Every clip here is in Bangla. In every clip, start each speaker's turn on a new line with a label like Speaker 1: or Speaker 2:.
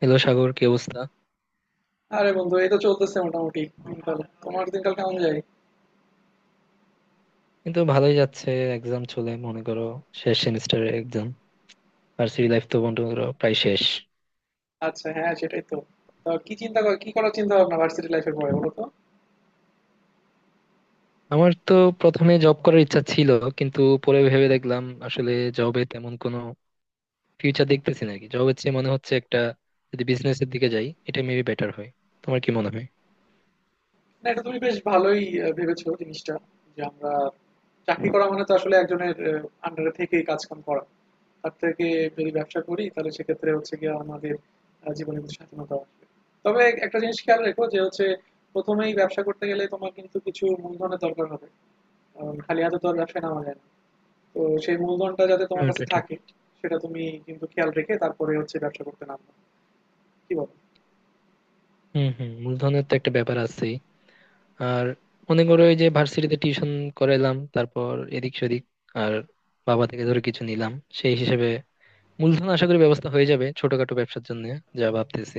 Speaker 1: হ্যালো সাগর, কি অবস্থা?
Speaker 2: আরে বন্ধু, এই তো চলতেছে মোটামুটি। দিনকাল তোমার দিনকাল কেমন যায়?
Speaker 1: কিন্তু ভালোই যাচ্ছে। এক্সাম চলে মনে করো, শেষ সেমিস্টারের এক্সাম। ভার্সিটি লাইফ তো মনে করো প্রায় শেষ।
Speaker 2: আচ্ছা, হ্যাঁ, সেটাই তো। তা কি চিন্তা কর, কি করার চিন্তা ভাবনা ভার্সিটি লাইফের পরে বলো তো।
Speaker 1: আমার তো প্রথমে জব করার ইচ্ছা ছিল, কিন্তু পরে ভেবে দেখলাম আসলে জবে তেমন কোনো ফিউচার দেখতেছি নাকি, জব হচ্ছে মনে হচ্ছে একটা। যদি বিজনেসের দিকে যাই এটা মেবি বেটার হয়। তোমার কি মনে হয়?
Speaker 2: না, এটা তুমি বেশ ভালোই ভেবেছো জিনিসটা। যে আমরা চাকরি করা মানে তো আসলে একজনের আন্ডারে থেকেই কাজ কাম করা। তার থেকে যদি ব্যবসা করি তাহলে সেক্ষেত্রে হচ্ছে গিয়ে আমাদের জীবনে কিছু স্বাধীনতা আসবে। তবে একটা জিনিস খেয়াল রেখো যে হচ্ছে, প্রথমেই ব্যবসা করতে গেলে তোমার কিন্তু কিছু মূলধনের দরকার হবে। কারণ খালি হাতে তো আর ব্যবসায় নামা যায় না। তো সেই মূলধনটা যাতে
Speaker 1: হ্যাঁ,
Speaker 2: তোমার কাছে
Speaker 1: ওটা ঠিক।
Speaker 2: থাকে সেটা তুমি কিন্তু খেয়াল রেখে তারপরে হচ্ছে ব্যবসা করতে নামবে। কি বলো?
Speaker 1: হম হম, মূলধনের তো একটা ব্যাপার আছে। আর মনে করো ওই যে ভার্সিটিতে টিউশন করাইলাম, তারপর এদিক সেদিক, আর বাবা থেকে ধরে কিছু নিলাম, সেই হিসেবে মূলধন আশা করি ব্যবস্থা হয়ে যাবে ছোটখাটো ব্যবসার জন্য, যা ভাবতেছি।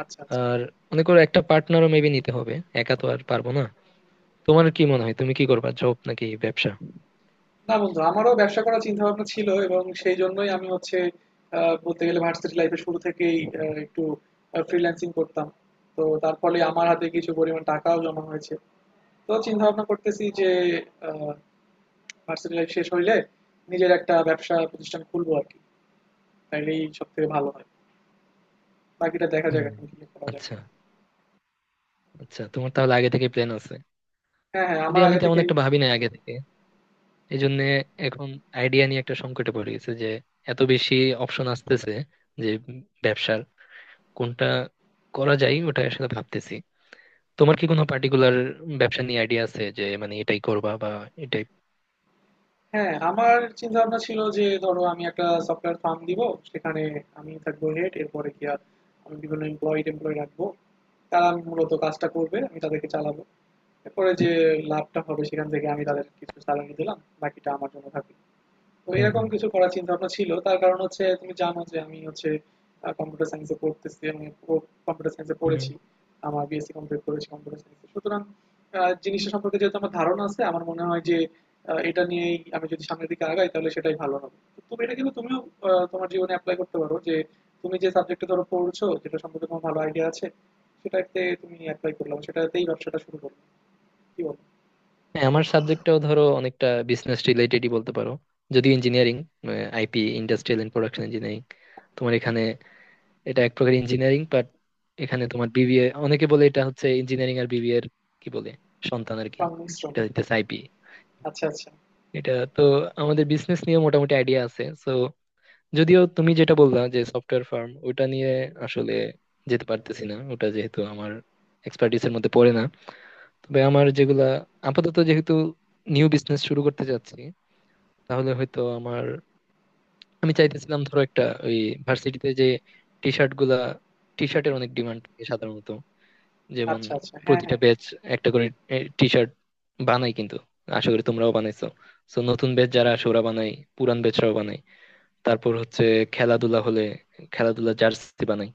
Speaker 2: আচ্ছা, আচ্ছা।
Speaker 1: আর মনে করো একটা পার্টনারও মেবি নিতে হবে, একা তো আর পারবো না। তোমার কি মনে হয়, তুমি কি করবা, জব নাকি ব্যবসা?
Speaker 2: না বন্ধু, আমারও ব্যবসা করার চিন্তা ভাবনা ছিল এবং সেই জন্যই আমি হচ্ছে বলতে গেলে ভার্সিটি লাইফে শুরু থেকেই একটু ফ্রিল্যান্সিং করতাম। তো তার ফলে আমার হাতে কিছু পরিমাণ টাকাও জমা হয়েছে। তো চিন্তা ভাবনা করতেছি যে ভার্সিটি লাইফ শেষ হইলে নিজের একটা ব্যবসা প্রতিষ্ঠান খুলবো আর কি। তাইলেই সব থেকে ভালো হয়। বাকিটা দেখা যাক
Speaker 1: হুম।
Speaker 2: এখন কি করা যায়।
Speaker 1: আচ্ছা, আচ্ছা, তোমার তাহলে আগে থেকে প্ল্যান আছে।
Speaker 2: হ্যাঁ, হ্যাঁ,
Speaker 1: যদি
Speaker 2: আমার
Speaker 1: আমি
Speaker 2: আগে
Speaker 1: তেমন
Speaker 2: থেকেই।
Speaker 1: একটা ভাবি নাই আগে থেকে, এই জন্য এখন আইডিয়া নিয়ে একটা সংকটে পড়ে গেছে যে এত বেশি অপশন আসতেছে, যে ব্যবসার কোনটা করা যায় ওটা আসলে ভাবতেছি। তোমার কি কোনো পার্টিকুলার ব্যবসা নিয়ে আইডিয়া আছে, যে মানে এটাই করবা বা এটাই?
Speaker 2: হ্যাঁ, আমার চিন্তাভাবনা ছিল যে ধরো আমি একটা সফটওয়্যার ফার্ম দিব। সেখানে আমি থাকবো হেড, এরপরে গিয়া আমি বিভিন্ন এমপ্লয়ি টেমপ্লয়ি রাখবো। তারা মূলত কাজটা করবে, আমি তাদেরকে চালাবো। এরপরে যে লাভটা হবে সেখান থেকে আমি তাদের কিছু স্যালারি দিলাম, বাকিটা আমার জন্য থাকবে। তো
Speaker 1: হুম।
Speaker 2: এরকম কিছু করার চিন্তা ভাবনা ছিল। তার কারণ হচ্ছে তুমি জানো যে আমি হচ্ছে কম্পিউটার সায়েন্সে পড়তেছি এবং কম্পিউটার সায়েন্সে
Speaker 1: হুম।
Speaker 2: পড়েছি। আমার বিএসসি কমপ্লিট করেছি কম্পিউটার সায়েন্সে, সুতরাং জিনিসটা সম্পর্কে যেহেতু আমার ধারণা আছে আমার মনে হয় যে এটা নিয়েই আমি যদি সামনের দিকে আগাই তাহলে সেটাই ভালো হবে। তো তুমি এটা কিন্তু তুমিও তোমার জীবনে অ্যাপ্লাই করতে পারো। যে তুমি যে সাবজেক্টে ধরো পড়ছো, যেটা সম্পর্কে তোমার ভালো আইডিয়া আছে, সেটাতে তুমি অ্যাপ্লাই করলাম, সেটাতেই ব্যবসাটা শুরু করলাম। কি বলো?
Speaker 1: হ্যাঁ, আমার সাবজেক্টটাও ধরো অনেকটা বিজনেস রিলেটেডই বলতে পারো, যদিও engineering. IP, industrial and production engineering তোমার এখানে। এটা এক প্রকার ইঞ্জিনিয়ারিং বাট এখানে তোমার বিবিএ, অনেকে বলে এটা হচ্ছে ইঞ্জিনিয়ারিং আর বিবিএ এর কি বলে, সন্তান আর কি।
Speaker 2: সংমিশ্রণ।
Speaker 1: এটা হচ্ছে আইপি।
Speaker 2: আচ্ছা, আচ্ছা।
Speaker 1: এটা তো, আমাদের বিজনেস নিয়ে মোটামুটি আইডিয়া আছে, সো যদিও তুমি যেটা বললা যে সফটওয়্যার ফার্ম, ওটা নিয়ে আসলে যেতে পারতেছি না, ওটা যেহেতু আমার এক্সপার্টিস এর মধ্যে পড়ে না। তবে আমার যেগুলা আপাতত, যেহেতু নিউ বিজনেস শুরু করতে যাচ্ছি, তাহলে হয়তো আমার, আমি চাইতেছিলাম ধরো একটা, ওই ভার্সিটিতে যে টি শার্ট গুলা, টি শার্টের অনেক ডিমান্ড থাকে সাধারণত। যেমন
Speaker 2: আচ্ছা, আচ্ছা। হ্যাঁ,
Speaker 1: প্রতিটা
Speaker 2: হ্যাঁ।
Speaker 1: ব্যাচ একটা করে টি শার্ট বানাই, কিন্তু আশা করি তোমরাও বানাইছো। তো নতুন ব্যাচ যারা আসে ওরা বানাই, পুরান ব্যাচরাও বানাই। তারপর হচ্ছে খেলাধুলা হলে খেলাধুলা জার্সি বানাই।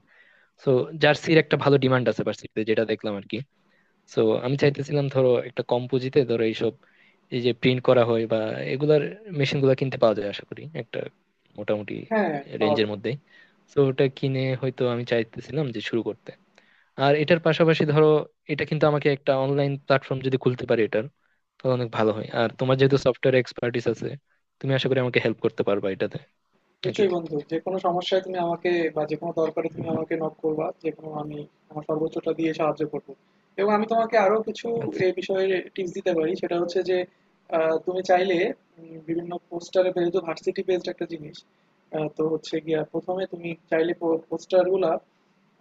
Speaker 1: তো জার্সির একটা ভালো ডিমান্ড আছে ভার্সিটিতে, যেটা দেখলাম আর কি। সো আমি চাইতেছিলাম ধরো একটা কম পুঁজিতে ধরো এইসব, এই যে প্রিন্ট করা হয় বা এগুলার মেশিন গুলা কিনতে পাওয়া যায় আশা করি একটা মোটামুটি
Speaker 2: হ্যাঁ, পাওয়া
Speaker 1: রেঞ্জের
Speaker 2: যায়।
Speaker 1: মধ্যে। তো ওটা কিনে হয়তো আমি চাইতেছিলাম যে শুরু করতে। আর এটার পাশাপাশি ধরো এটা কিন্তু, আমাকে একটা অনলাইন প্ল্যাটফর্ম যদি খুলতে পারি এটার, তাহলে অনেক ভালো হয়। আর তোমার যেহেতু সফটওয়্যার এক্সপার্টিস আছে, তুমি আশা করি আমাকে হেল্প করতে পারবা এটাতে, নাকি?
Speaker 2: নিশ্চয়ই বন্ধু, যে কোনো সমস্যায় তুমি আমাকে বা যে কোনো দরকারে তুমি আমাকে নক করবা। যে কোনো, আমি আমার সর্বোচ্চটা দিয়ে সাহায্য করব। এবং আমি তোমাকে আরো কিছু
Speaker 1: আচ্ছা।
Speaker 2: এই বিষয়ে টিপস দিতে পারি। সেটা হচ্ছে যে তুমি চাইলে বিভিন্ন পোস্টারে, যেহেতু ভার্সিটি বেসড একটা জিনিস, তো হচ্ছে গিয়া প্রথমে তুমি চাইলে পোস্টার গুলা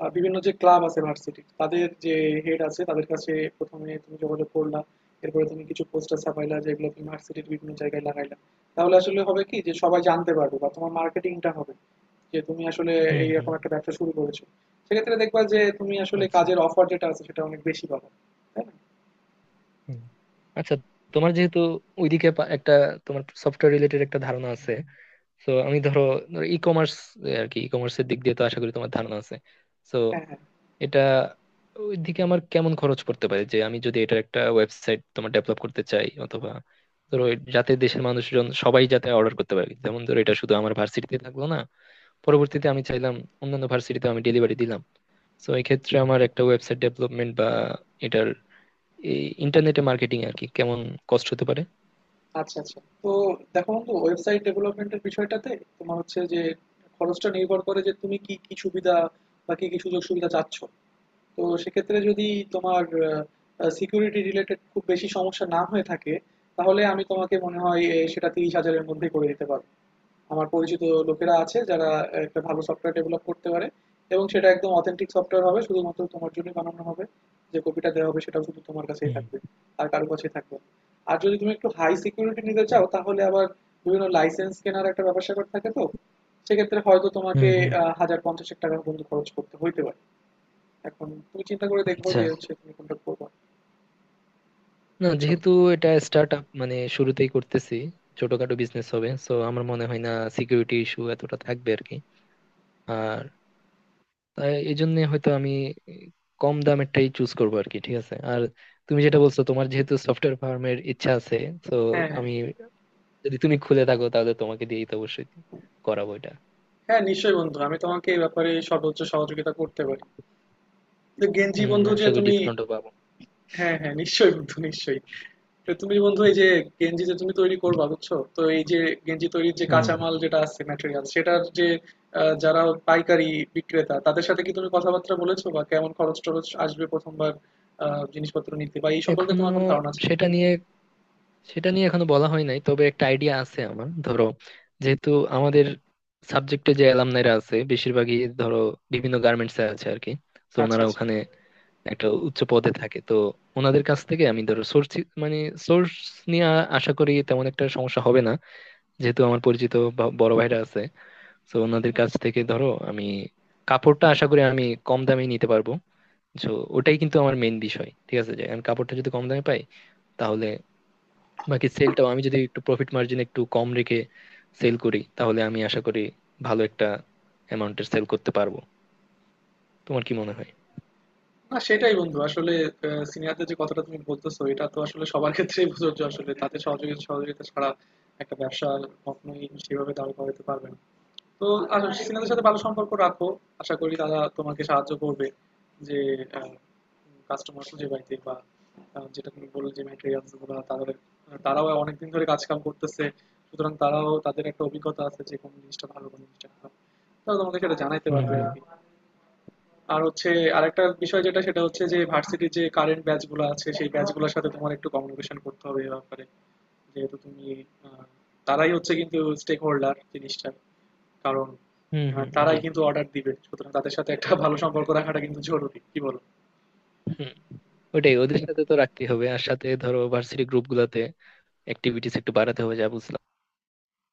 Speaker 2: বিভিন্ন যে ক্লাব আছে ভার্সিটি তাদের যে হেড আছে তাদের কাছে প্রথমে তুমি যোগাযোগ করলা। এরপরে তুমি কিছু পোস্টার ছাপাইলা যেগুলো তুমি ভার্সিটির বিভিন্ন জায়গায় লাগাইলা। তাহলে আসলে হবে কি যে সবাই জানতে পারবে বা তোমার মার্কেটিংটা হবে যে তুমি আসলে
Speaker 1: হুম, হুম।
Speaker 2: এইরকম একটা ব্যবসা শুরু করেছো। সেক্ষেত্রে দেখবা যে তুমি আসলে
Speaker 1: আচ্ছা।
Speaker 2: কাজের অফার যেটা আছে সেটা অনেক বেশি পাবে। তাই না?
Speaker 1: হুম। আচ্ছা, তোমার যেহেতু ওইদিকে একটা, তোমার সফটওয়্যার রিলেটেড একটা ধারণা আছে। তো আমি ধরো ই কমার্স আর কি, ই কমার্সের দিক দিয়ে তো আশা করি তোমার ধারণা আছে। তো
Speaker 2: হ্যাঁ, হ্যাঁ।
Speaker 1: এটা, ওই দিকে আমার কেমন খরচ পড়তে পারে, যে আমি যদি এটার একটা ওয়েবসাইট তোমার ডেভেলপ করতে চাই, অথবা ধরো যাতে দেশের মানুষজন সবাই যাতে অর্ডার করতে পারে, যেমন ধরো এটা শুধু আমার ভার্সিটিতে থাকলো না, পরবর্তীতে আমি চাইলাম অন্যান্য ভার্সিটিতে আমি ডেলিভারি দিলাম। তো এই ক্ষেত্রে আমার একটা ওয়েবসাইট ডেভেলপমেন্ট বা এটার ইন্টারনেটে মার্কেটিং আর কি কেমন কষ্ট হতে পারে?
Speaker 2: আচ্ছা, আচ্ছা। তো দেখো বন্ধু, ওয়েবসাইট ডেভেলপমেন্টের বিষয়টাতে তোমার হচ্ছে যে খরচটা নির্ভর করে যে তুমি কি কি সুবিধা বা কি কি সুযোগ সুবিধা চাচ্ছ। তো সেক্ষেত্রে যদি তোমার সিকিউরিটি রিলেটেড খুব বেশি সমস্যা না হয়ে থাকে তাহলে আমি তোমাকে মনে হয় সেটা 30,000-এর মধ্যে করে দিতে পারবো। আমার পরিচিত লোকেরা আছে যারা একটা ভালো সফটওয়্যার ডেভেলপ করতে পারে, এবং সেটা একদম অথেন্টিক সফটওয়্যার হবে, শুধুমাত্র তোমার জন্য বানানো হবে। যে কপিটা দেওয়া হবে সেটাও শুধু তোমার কাছেই
Speaker 1: হুম,
Speaker 2: থাকবে, আর কারো কাছেই থাকবে না। আর যদি তুমি একটু হাই সিকিউরিটি নিতে চাও তাহলে আবার বিভিন্ন লাইসেন্স কেনার একটা ব্যাপার স্যাপার থাকে। তো সেক্ষেত্রে হয়তো তোমাকে
Speaker 1: হুম। হুম।
Speaker 2: হাজার পঞ্চাশেক টাকা পর্যন্ত খরচ করতে হইতে পারে। এখন তুমি চিন্তা করে দেখো
Speaker 1: আচ্ছা।
Speaker 2: যে হচ্ছে তুমি কোনটা করবা।
Speaker 1: না,
Speaker 2: বুঝছো?
Speaker 1: যেহেতু এটা স্টার্ট আপ, মানে শুরুতেই করতেছি, ছোটখাটো বিজনেস হবে, সো আমার মনে হয় না সিকিউরিটি ইস্যু এতটা থাকবে আর কি। আর তাই এই জন্য হয়তো আমি কম দামেরটাই চুজ করবো আর কি, ঠিক আছে। আর তুমি যেটা বলছো, তোমার যেহেতু সফটওয়্যার ফার্মের ইচ্ছা আছে, তো
Speaker 2: হ্যাঁ, হ্যাঁ।
Speaker 1: আমি, যদি তুমি খুলে থাকো তাহলে তোমাকে দিয়েই তো অবশ্যই করাবো এটা।
Speaker 2: হ্যাঁ, নিশ্চয়ই বন্ধু, আমি তোমাকে এই ব্যাপারে সর্বোচ্চ সহযোগিতা করতে পারি। তো গেঞ্জি
Speaker 1: হম,
Speaker 2: বন্ধু যে
Speaker 1: আশা করি
Speaker 2: তুমি,
Speaker 1: ডিসকাউন্টও পাবো।
Speaker 2: হ্যাঁ হ্যাঁ নিশ্চয়ই বন্ধু, নিশ্চয়ই। তো তুমি বন্ধু এই যে গেঞ্জি যে তুমি তৈরি করবা, বুঝছো তো, এই যে গেঞ্জি তৈরির যে
Speaker 1: হুম।
Speaker 2: কাঁচামাল যেটা আছে ম্যাটেরিয়াল সেটার যে যারা পাইকারি বিক্রেতা তাদের সাথে কি তুমি কথাবার্তা বলেছো বা কেমন খরচ টরচ আসবে প্রথমবার জিনিসপত্র নিতে, বা এই সম্পর্কে
Speaker 1: এখনো
Speaker 2: তোমার কোনো ধারণা আছে কিনা?
Speaker 1: সেটা নিয়ে, সেটা নিয়ে এখনো বলা হয় নাই, তবে একটা আইডিয়া আছে আমার। ধরো যেহেতু আমাদের সাবজেক্টে যে অ্যালামনাইরা আছে, বেশিরভাগই ধরো বিভিন্ন গার্মেন্টস এ আছে আর কি। তো
Speaker 2: আচ্ছা,
Speaker 1: ওনারা
Speaker 2: আচ্ছা।
Speaker 1: ওখানে একটা উচ্চ পদে থাকে, তো ওনাদের কাছ থেকে আমি ধরো সোর্স, মানে সোর্স নিয়ে আশা করি তেমন একটা সমস্যা হবে না, যেহেতু আমার পরিচিত বড় ভাইরা আছে। তো ওনাদের কাছ থেকে ধরো আমি কাপড়টা আশা করি আমি কম দামে নিতে পারবো। তো ওটাই কিন্তু আমার মেইন বিষয়, ঠিক আছে, যে আমি কাপড়টা যদি কম দামে পাই, তাহলে বাকি সেলটাও আমি যদি একটু প্রফিট মার্জিন একটু কম রেখে সেল করি, তাহলে আমি আশা করি ভালো একটা অ্যামাউন্টের সেল করতে পারবো। তোমার কি মনে হয়?
Speaker 2: না সেটাই বন্ধু, আসলে সিনিয়রদের যে কথাটা তুমি বলতেছো এটা তো আসলে সবার ক্ষেত্রেই প্রযোজ্য। আসলে তাদের সহযোগিতা সহযোগিতা ছাড়া একটা ব্যবসা কখনোই সেভাবে দাঁড় করাতে পারবে না। তো আসলে সিনিয়রদের সাথে ভালো সম্পর্ক রাখো, আশা করি তারা তোমাকে সাহায্য করবে। যে কাস্টমার খুঁজে পাইতে বা যেটা তুমি বললে যে ম্যাটেরিয়ালস গুলো তাদের, তারাও অনেকদিন ধরে কাজ কাম করতেছে। সুতরাং তারাও, তাদের একটা অভিজ্ঞতা আছে যে কোন জিনিসটা ভালো কোন জিনিসটা খারাপ, তারা তোমাকে সেটা জানাইতে
Speaker 1: হুম,
Speaker 2: পারবে
Speaker 1: হুম।
Speaker 2: আর কি। আর হচ্ছে আরেকটা বিষয় যেটা, সেটা হচ্ছে যে ভার্সিটির যে কারেন্ট ব্যাচগুলো আছে সেই ব্যাচগুলোর সাথে তোমার একটু কমিউনিকেশন করতে হবে এ ব্যাপারে। যেহেতু তুমি আহ, তারাই হচ্ছে কিন্তু স্টেক হোল্ডার জিনিসটার। কারণ
Speaker 1: হুম, হুম,
Speaker 2: তারাই
Speaker 1: এটাই।
Speaker 2: কিন্তু অর্ডার দিবে, সুতরাং তাদের সাথে একটা ভালো সম্পর্ক রাখাটা কিন্তু জরুরি। কি বলো?
Speaker 1: হুম। ওটাই, ওদের সাথে তো রাখতেই হবে। আর সাথে ধরো ভার্সিটি গ্রুপ গুলাতে অ্যাক্টিভিটিস একটু বাড়াতে হবে, যা বুঝলাম।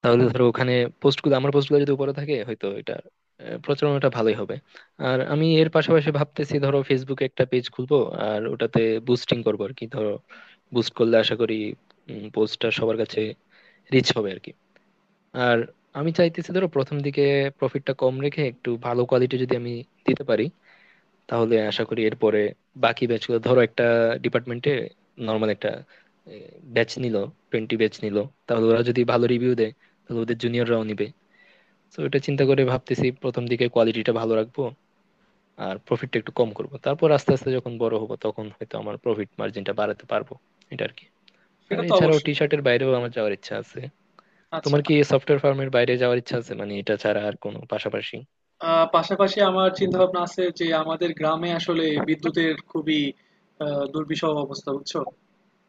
Speaker 1: তাহলে ধরো ওখানে পোস্ট গুলো যদি উপরে থাকে, হয়তো এটা প্রচারণাটা ভালোই হবে। আর আমি এর পাশাপাশি ভাবতেছি ধরো ফেসবুকে একটা পেজ খুলবো, আর ওটাতে বুস্টিং করবো আর কি। ধরো বুস্ট করলে আশা করি পোস্টটা সবার কাছে রিচ হবে আর কি। আর আমি চাইতেছি ধরো প্রথম দিকে প্রফিটটা কম রেখে একটু ভালো কোয়ালিটি যদি আমি দিতে পারি, তাহলে আশা করি এরপরে বাকি ব্যাচগুলো ধরো, একটা ডিপার্টমেন্টে নর্মাল একটা ব্যাচ নিল, টোয়েন্টি ব্যাচ নিল, তাহলে ওরা যদি ভালো রিভিউ দেয়, তাহলে ওদের জুনিয়ররাও নিবে। তো এটা চিন্তা করে ভাবতেছি প্রথম দিকে কোয়ালিটিটা ভালো রাখবো, আর প্রফিটটা একটু কম করব, তারপর আস্তে আস্তে যখন বড় হবো তখন হয়তো আমার প্রফিট মার্জিনটা বাড়াতে পারবো, এটা আর কি। আর
Speaker 2: সেটা তো
Speaker 1: এছাড়াও টি
Speaker 2: অবশ্যই বন্ধু।
Speaker 1: শার্টের বাইরেও আমার যাওয়ার ইচ্ছা আছে।
Speaker 2: আচ্ছা।
Speaker 1: তোমার কি সফটওয়্যার ফার্মের বাইরে যাওয়ার ইচ্ছা আছে, মানে এটা ছাড়া আর কোনো পাশাপাশি?
Speaker 2: পাশাপাশি আমার চিন্তা ভাবনা আছে যে আমাদের গ্রামে আসলে বিদ্যুতের খুবই দুর্বিষহ অবস্থা, বুঝছো।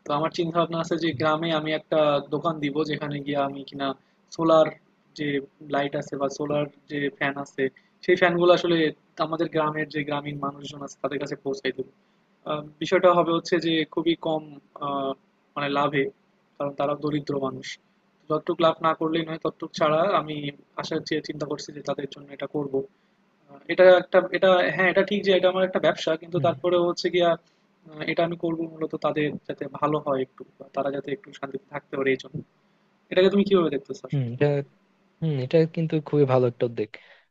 Speaker 2: তো আমার চিন্তা ভাবনা আছে যে গ্রামে আমি একটা দোকান দিব যেখানে গিয়ে আমি কিনা সোলার যে লাইট আছে বা সোলার যে ফ্যান আছে সেই ফ্যানগুলো আসলে আমাদের গ্রামের যে গ্রামীণ মানুষজন আছে তাদের কাছে পৌঁছাই দেবো। বিষয়টা হবে হচ্ছে যে খুবই কম আহ, মানে লাভে। কারণ তারা দরিদ্র মানুষ। যতটুক লাভ না করলেই নয় ততটুক ছাড়া আমি আশা চেয়ে চিন্তা করছি যে তাদের জন্য এটা করব। এটা হ্যাঁ, এটা ঠিক যে এটা আমার একটা ব্যবসা, কিন্তু তারপরে
Speaker 1: হুম,
Speaker 2: হচ্ছে গিয়া এটা আমি করবো মূলত তাদের যাতে ভালো হয় একটু, বা তারা যাতে একটু শান্তিতে থাকতে পারে এই জন্য। এটাকে তুমি কিভাবে দেখতেছো
Speaker 1: হুম,
Speaker 2: আসলে?
Speaker 1: এটা। হুম, এটা কিন্তু খুবই ভালো একটা উদ্যোগ।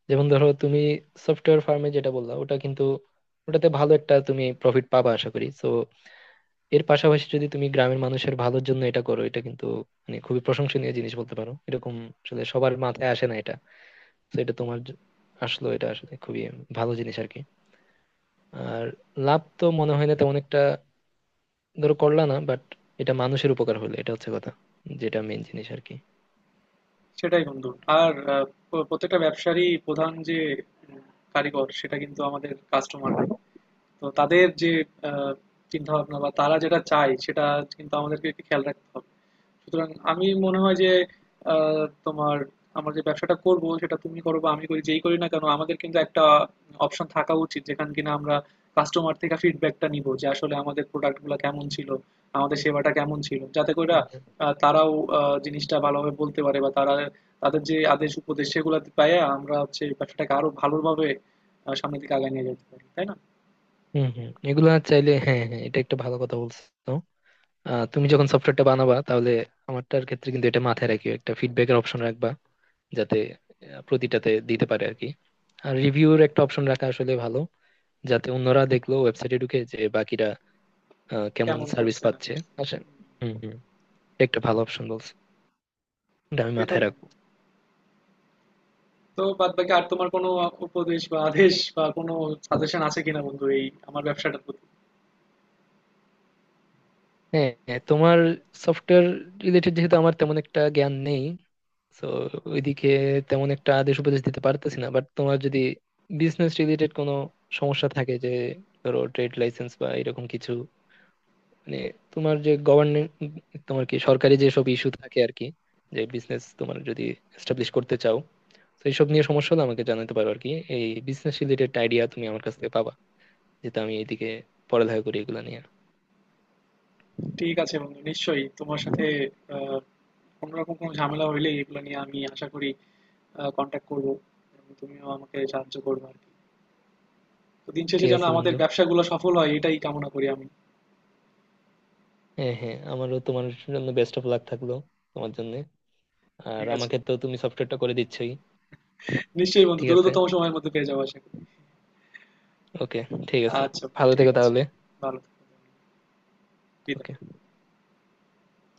Speaker 1: যেমন ধরো তুমি সফটওয়্যার ফার্মে যেটা বললা, ওটা কিন্তু, ওটাতে ভালো একটা তুমি প্রফিট পাবা আশা করি, তো এর পাশাপাশি যদি তুমি গ্রামের মানুষের ভালোর জন্য এটা করো, এটা কিন্তু মানে খুবই প্রশংসনীয় জিনিস বলতে পারো, এরকম আসলে সবার মাথায় আসে না এটা। তো এটা তোমার আসলো, এটা আসলে খুবই ভালো জিনিস আর কি। আর লাভ তো মনে হয় না তেমন একটা ধরো করলা না, বাট এটা মানুষের উপকার হলো, এটা হচ্ছে কথা, যেটা মেন জিনিস আর কি।
Speaker 2: সেটাই বন্ধু। আর প্রত্যেকটা ব্যবসারই প্রধান যে উম, কারিগর সেটা কিন্তু আমাদের কাস্টমাররাই। তো তাদের যে চিন্তা ভাবনা বা তারা যেটা চায় সেটা কিন্তু আমাদেরকে একটু খেয়াল রাখতে হবে। সুতরাং আমি মনে হয় যে তোমার, আমরা যে ব্যবসাটা করব সেটা তুমি করো বা আমি করি, যেই করি না কেন আমাদের কিন্তু একটা অপশন থাকা উচিত যেখানে কিনা আমরা কাস্টমার থেকে ফিডব্যাকটা নিব যে আসলে আমাদের প্রোডাক্টগুলো কেমন ছিল, আমাদের সেবাটা কেমন ছিল, যাতে করে
Speaker 1: হুম, হুম।
Speaker 2: তারাও জিনিসটা ভালোভাবে বলতে পারে। বা তারা তাদের যে আদেশ উপদেশ সেগুলো পাইয়ে আমরা হচ্ছে ব্যবসাটাকে আরো ভালোভাবে সামনের দিকে আগায় নিয়ে যেতে পারি। তাই না?
Speaker 1: হম হম, এগুলা চাইলে, হ্যাঁ হ্যাঁ, এটা একটা ভালো কথা বলছো। তুমি যখন সফটওয়্যারটা বানাবা, তাহলে আমারটার ক্ষেত্রে কিন্তু এটা মাথায় রাখিও, একটা ফিডব্যাকের অপশন রাখবা, যাতে প্রতিটাতে দিতে পারে আর কি। আর রিভিউর একটা অপশন রাখা আসলে ভালো, যাতে অন্যরা দেখলো ওয়েবসাইটে ঢুকে, যে বাকিরা কেমন
Speaker 2: কেমন
Speaker 1: সার্ভিস
Speaker 2: করছে না
Speaker 1: পাচ্ছে।
Speaker 2: করছে।
Speaker 1: আসেন।
Speaker 2: হুম,
Speaker 1: হম হম, একটা ভালো অপশন বলছো, এটা আমি
Speaker 2: সেটাই
Speaker 1: মাথায়
Speaker 2: মনে
Speaker 1: রাখবো।
Speaker 2: হয়। তো বাদবাকি আর তোমার কোনো উপদেশ বা আদেশ বা কোনো সাজেশন আছে কিনা বন্ধু এই আমার ব্যবসাটার প্রতি?
Speaker 1: হ্যাঁ, হ্যাঁ, তোমার সফটওয়্যার রিলেটেড যেহেতু আমার তেমন একটা জ্ঞান নেই, তো ওইদিকে তেমন একটা আদেশ উপদেশ দিতে পারতেছি না, বাট তোমার যদি বিজনেস রিলেটেড কোনো সমস্যা থাকে, যে ধরো ট্রেড লাইসেন্স বা এরকম কিছু, মানে তোমার যে গভর্নমেন্ট, তোমার কি সরকারি যেসব ইস্যু থাকে আর কি, যে বিজনেস তোমার যদি এস্টাবলিশ করতে চাও, তো এইসব নিয়ে সমস্যা হলে আমাকে জানাতে পারো আর কি। এই বিজনেস রিলেটেড আইডিয়া তুমি আমার কাছ থেকে পাবা, যেহেতু আমি এইদিকে পড়ালেখা করি এগুলো নিয়ে।
Speaker 2: ঠিক আছে বন্ধু, নিশ্চয়ই তোমার সাথে আহ, কোনোরকম কোনো ঝামেলা হইলে এগুলো নিয়ে আমি আশা করি কন্ট্যাক্ট করবো, এবং তুমিও আমাকে সাহায্য করবে আর কি। তো দিন
Speaker 1: ঠিক
Speaker 2: শেষে যেন
Speaker 1: আছে
Speaker 2: আমাদের
Speaker 1: বন্ধু।
Speaker 2: ব্যবসাগুলো সফল হয় এটাই কামনা করি আমি।
Speaker 1: হ্যাঁ হ্যাঁ, আমারও তোমার জন্য বেস্ট অফ লাক থাকলো, তোমার জন্য। আর
Speaker 2: ঠিক আছে,
Speaker 1: আমাকে তো তুমি সফটওয়্যারটা করে দিচ্ছই।
Speaker 2: নিশ্চয়ই বন্ধু,
Speaker 1: ঠিক আছে।
Speaker 2: দ্রুততম সময়ের মধ্যে পেয়ে যাবো আশা করি।
Speaker 1: ওকে। ঠিক আছে।
Speaker 2: আচ্ছা বন্ধু,
Speaker 1: ভালো
Speaker 2: ঠিক
Speaker 1: থেকো
Speaker 2: আছে।
Speaker 1: তাহলে।
Speaker 2: ভালো থেকো। বিদায়।
Speaker 1: ওকে।